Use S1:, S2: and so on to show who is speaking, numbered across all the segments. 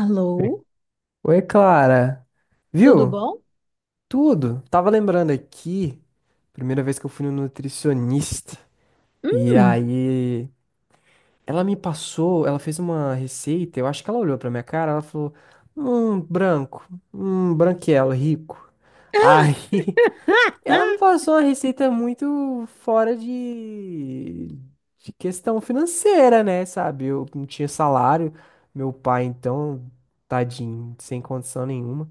S1: Alô,
S2: Oi, Clara.
S1: tudo
S2: Viu?
S1: bom?
S2: Tudo. Tava lembrando aqui, primeira vez que eu fui no nutricionista. E
S1: Hum.
S2: aí, ela me passou, ela fez uma receita, eu acho que ela olhou pra minha cara, ela falou: branco, branquelo, rico".
S1: Ah,
S2: Aí, ela
S1: ah.
S2: me passou uma receita muito fora de questão financeira, né, sabe? Eu não tinha salário, meu pai então, tadinho, sem condição nenhuma.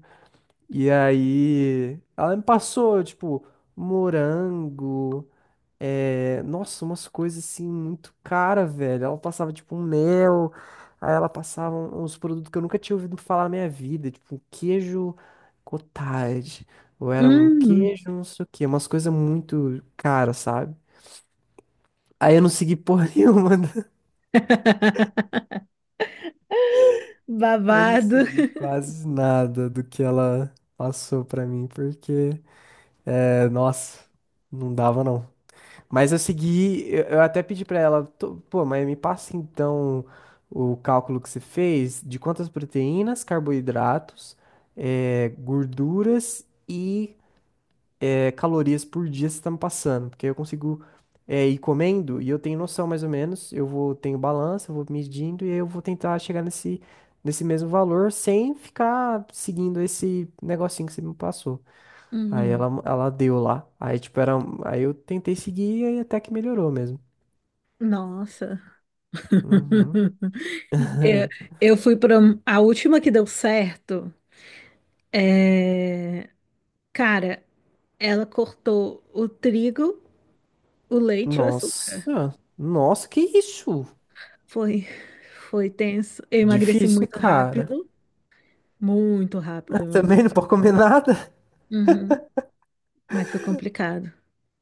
S2: E aí, ela me passou, tipo, morango, nossa, umas coisas assim muito cara, velho. Ela passava, tipo, um mel, aí ela passava uns produtos que eu nunca tinha ouvido falar na minha vida, tipo, um queijo cottage, ou era um
S1: Hum.
S2: queijo, não sei o quê, umas coisas muito caras, sabe? Aí eu não segui porra nenhuma, né? Eu não
S1: Babado.
S2: segui quase nada do que ela passou pra mim, porque, nossa, não dava não. Mas eu segui, eu até pedi pra ela, pô, mas me passa então o cálculo que você fez de quantas proteínas, carboidratos, gorduras e calorias por dia você está me passando, porque aí eu consigo ir comendo e eu tenho noção mais ou menos, eu vou tenho balança, eu vou medindo e aí eu vou tentar chegar nesse mesmo valor sem ficar seguindo esse negocinho que você me passou. Aí
S1: Uhum.
S2: ela deu lá. Aí, tipo, era um. Aí eu tentei seguir e até que melhorou mesmo.
S1: Nossa.
S2: Uhum.
S1: Eu, eu fui para a última que deu certo. é, Cara, ela cortou o trigo, o leite e o açúcar.
S2: Nossa, nossa, que isso?
S1: Foi, foi tenso. Eu emagreci
S2: Difícil,
S1: muito
S2: cara.
S1: rápido. Muito rápido eu
S2: Também
S1: emagreci.
S2: não pode comer nada.
S1: Uhum. Mas foi complicado.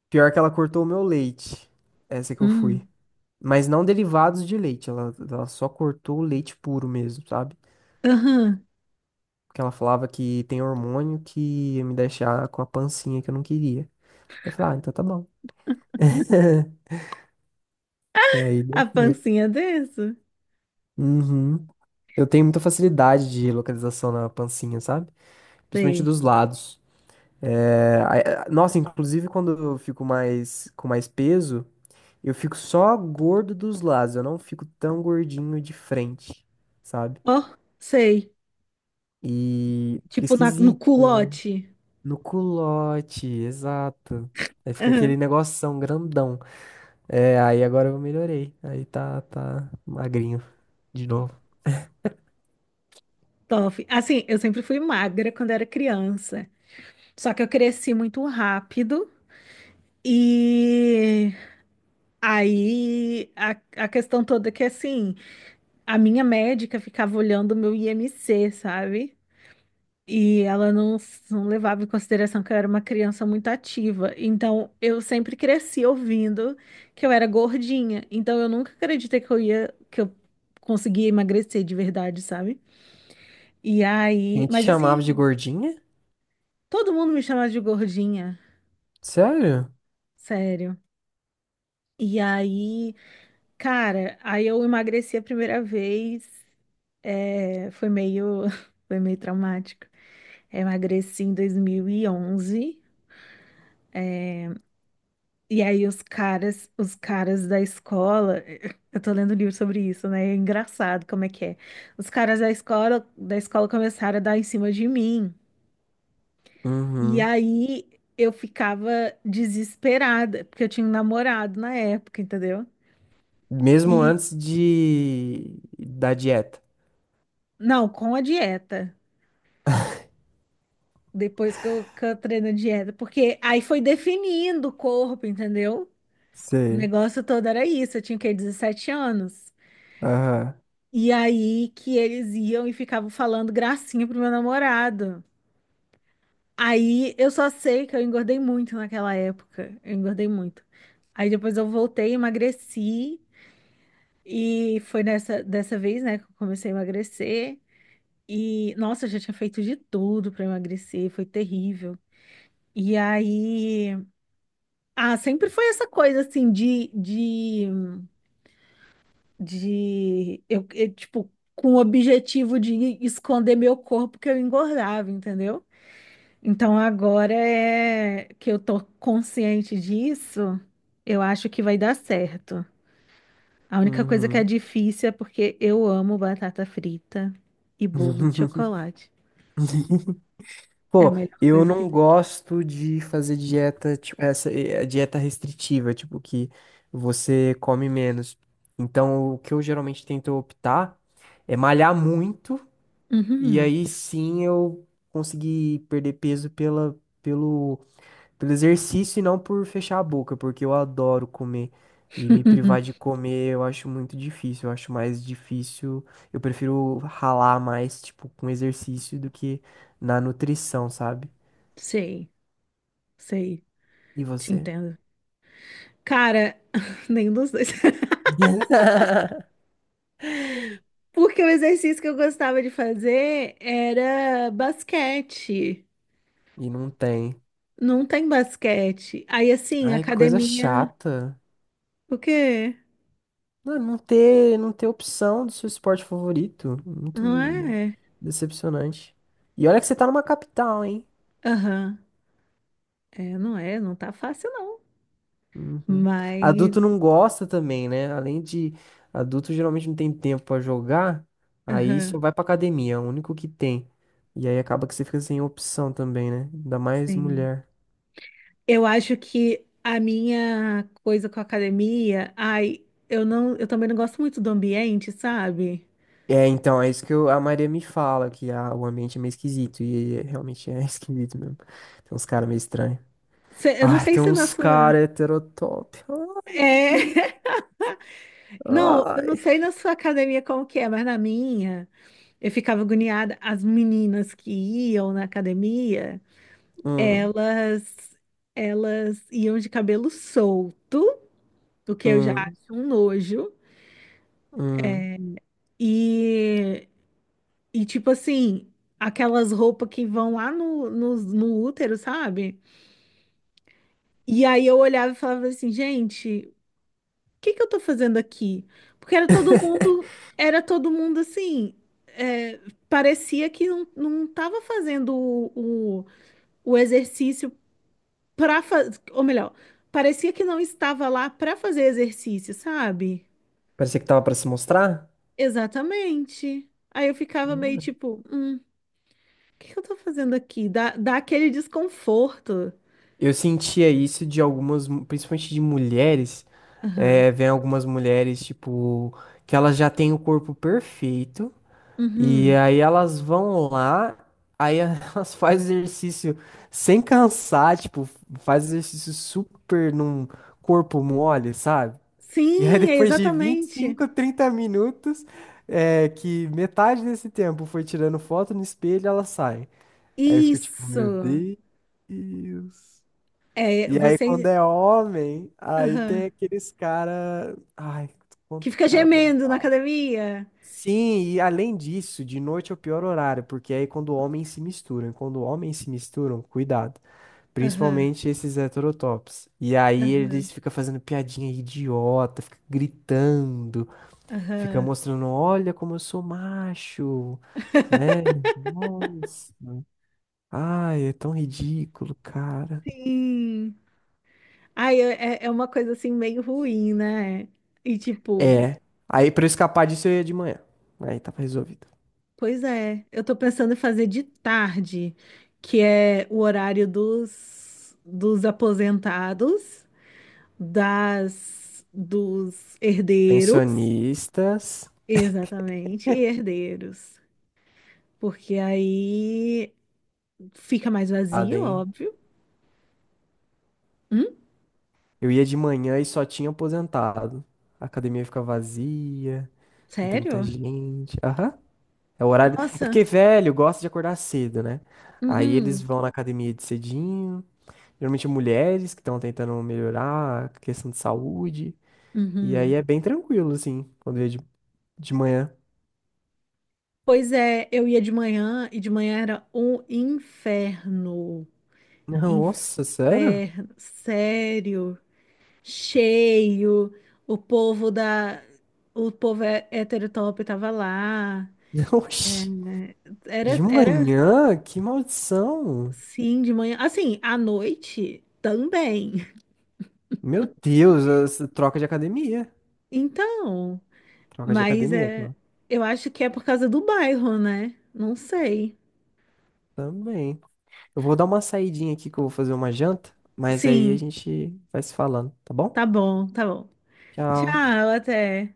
S2: Pior que ela cortou o meu leite. Essa que eu fui. Mas não derivados de leite. Ela só cortou o leite puro mesmo, sabe?
S1: Aham.
S2: Porque ela falava que tem hormônio que ia me deixar com a pancinha que eu não queria. Eu falei, ah, então tá bom. Aí deu
S1: A
S2: certo.
S1: pancinha dessa?
S2: Uhum. Eu tenho muita facilidade de localização na pancinha, sabe? Principalmente
S1: Sei.
S2: dos lados. É, nossa, inclusive quando eu fico mais com mais peso, eu fico só gordo dos lados, eu não fico tão gordinho de frente, sabe?
S1: Ó, sei.
S2: E fica
S1: Tipo no
S2: esquisito, né?
S1: culote.
S2: No culote, exato. Aí fica
S1: Aham.
S2: aquele negoção grandão. É, aí agora eu melhorei. Aí tá magrinho de novo.
S1: Top. Assim, eu sempre fui magra quando era criança. Só que eu cresci muito rápido. E aí a, a questão toda é que assim, a minha médica ficava olhando o meu IMC, sabe? E ela não, não levava em consideração que eu era uma criança muito ativa. Então, eu sempre cresci ouvindo que eu era gordinha. Então, eu nunca acreditei que eu conseguia emagrecer de verdade, sabe? E
S2: A
S1: aí,
S2: gente
S1: mas
S2: chamava de
S1: assim,
S2: gordinha?
S1: todo mundo me chamava de gordinha,
S2: Sério?
S1: sério. E aí, cara, aí eu emagreci a primeira vez, é, foi meio, foi meio traumático. Eu emagreci em 2011. E aí os caras da escola, eu tô lendo um livro sobre isso, né? É engraçado como é que é. Os caras da escola começaram a dar em cima de mim. E
S2: Uhum.
S1: aí eu ficava desesperada, porque eu tinha um namorado na época, entendeu?
S2: Mesmo
S1: E
S2: antes de da dieta.
S1: não, com a dieta. Depois que eu treino a dieta, porque aí foi definindo o corpo, entendeu? O
S2: Sei.
S1: negócio todo era isso, eu tinha o quê? 17 anos.
S2: Aham.
S1: E aí que eles iam e ficavam falando gracinha pro meu namorado. Aí eu só sei que eu engordei muito naquela época. Eu engordei muito. Aí depois eu voltei, emagreci. E foi nessa dessa vez, né, que eu comecei a emagrecer. E, nossa, eu já tinha feito de tudo pra emagrecer, foi terrível. E aí, ah, sempre foi essa coisa assim de tipo, com o objetivo de esconder meu corpo que eu engordava, entendeu? Então agora é que eu tô consciente disso, eu acho que vai dar certo. A única coisa que é
S2: Uhum.
S1: difícil é porque eu amo batata frita e bolo de chocolate. É a
S2: Pô,
S1: melhor
S2: eu
S1: coisa que
S2: não
S1: tem.
S2: gosto de fazer dieta, tipo, essa dieta restritiva, tipo, que você come menos. Então, o que eu geralmente tento optar é malhar muito, e
S1: Uhum.
S2: aí sim eu consegui perder peso pela, pelo Pelo exercício e não por fechar a boca, porque eu adoro comer. E me privar de comer eu acho muito difícil. Eu acho mais difícil. Eu prefiro ralar mais, tipo, com exercício do que na nutrição, sabe?
S1: Sei, sei,
S2: E
S1: te
S2: você?
S1: entendo. Cara, nenhum dos dois. Porque o exercício que eu gostava de fazer era basquete.
S2: E não tem.
S1: Não tem basquete. Aí assim,
S2: Ai, que coisa
S1: academia.
S2: chata.
S1: O quê?
S2: Não, não ter opção do seu esporte favorito. Muito
S1: Não é?
S2: decepcionante. E olha que você tá numa capital, hein?
S1: Aham. Não tá fácil não.
S2: Uhum.
S1: Mas,
S2: Adulto não gosta também, né? Além de adulto geralmente não tem tempo pra jogar, aí só
S1: aham,
S2: vai pra academia, é o único que tem. E aí acaba que você fica sem opção também, né? Ainda mais
S1: sim.
S2: mulher.
S1: Eu acho que a minha coisa com a academia, ai, eu também não gosto muito do ambiente, sabe?
S2: É, então, é isso que a Maria me fala, que o ambiente é meio esquisito, e realmente é esquisito mesmo. Tem uns caras meio estranhos.
S1: Eu não
S2: Ai,
S1: sei
S2: tem
S1: se na
S2: uns
S1: sua.
S2: caras heterotop.
S1: É, não, eu não
S2: Ai.
S1: sei na sua academia como que é, mas na minha, eu ficava agoniada. As meninas que iam na academia,
S2: Hum,
S1: elas, elas iam de cabelo solto, o que eu já
S2: hum,
S1: acho um nojo.
S2: hum.
S1: E, e tipo assim, aquelas roupas que vão lá no útero, sabe? E aí eu olhava e falava assim, gente, o que que eu tô fazendo aqui? Porque era todo mundo assim, é, parecia que não tava fazendo o exercício pra fazer, ou melhor, parecia que não estava lá pra fazer exercício, sabe?
S2: Parecia que tava pra se mostrar?
S1: Exatamente. Aí eu ficava meio tipo. Que eu tô fazendo aqui? Dá aquele desconforto.
S2: Eu sentia isso de algumas, principalmente de mulheres,
S1: Aham.
S2: vem algumas mulheres, tipo, que elas já têm o corpo perfeito, e
S1: Uhum.
S2: aí elas vão lá, aí elas fazem exercício sem cansar, tipo, faz exercício super num corpo mole, sabe? E aí
S1: Sim, é
S2: depois de vinte e
S1: exatamente.
S2: cinco 30 minutos, que metade desse tempo foi tirando foto no espelho, elas saem. Aí eu fico tipo, meu
S1: Isso.
S2: Deus.
S1: É,
S2: E aí, quando
S1: você.
S2: é homem, aí tem
S1: Aham.
S2: aqueles cara. Ai,
S1: Que
S2: quanto
S1: fica
S2: cara bom.
S1: gemendo na academia.
S2: Sim, e além disso, de noite é o pior horário, porque aí quando homens se misturam. Quando homens se misturam, cuidado.
S1: Aham.
S2: Principalmente esses heterotops. E aí
S1: Aham.
S2: eles ficam fazendo piadinha idiota, fica gritando, fica
S1: Aham.
S2: mostrando, olha como eu sou macho, né? Nossa. Ai, é tão ridículo, cara.
S1: Sim. Ai, é, é uma coisa assim meio ruim, né? E tipo,
S2: É. Aí pra eu escapar disso eu ia de manhã. Aí tava resolvido.
S1: pois é, eu tô pensando em fazer de tarde, que é o horário dos aposentados. Das dos herdeiros,
S2: Pensionistas.
S1: exatamente, e herdeiros, porque aí fica mais
S2: Nada,
S1: vazio,
S2: hein?
S1: óbvio. Hum?
S2: Eu ia de manhã e só tinha aposentado. A academia fica vazia, não tem muita
S1: Sério?
S2: gente. Aham. É o horário. É
S1: Nossa.
S2: porque velho gosta de acordar cedo, né? Aí eles
S1: Uhum.
S2: vão na academia de cedinho. Geralmente mulheres que estão tentando melhorar a questão de saúde. E aí
S1: Uhum.
S2: é bem tranquilo, assim, quando eu ia de manhã.
S1: Pois é, eu ia de manhã e de manhã era um inferno.
S2: Não, nossa, sério?
S1: Inferno, sério. Cheio. O povo da o povo heterotop tava lá.
S2: Oxi. De
S1: Era
S2: manhã? Que maldição!
S1: Sim, de manhã. Assim, à noite também.
S2: Meu Deus, essa troca de academia.
S1: Então,
S2: Troca de
S1: mas
S2: academia,
S1: é,
S2: claro.
S1: eu acho que é por causa do bairro, né? Não sei.
S2: Também. Eu vou dar uma saidinha aqui que eu vou fazer uma janta, mas aí a
S1: Sim,
S2: gente vai se falando, tá bom?
S1: tá bom, tá bom.
S2: Tchau.
S1: Tchau, até.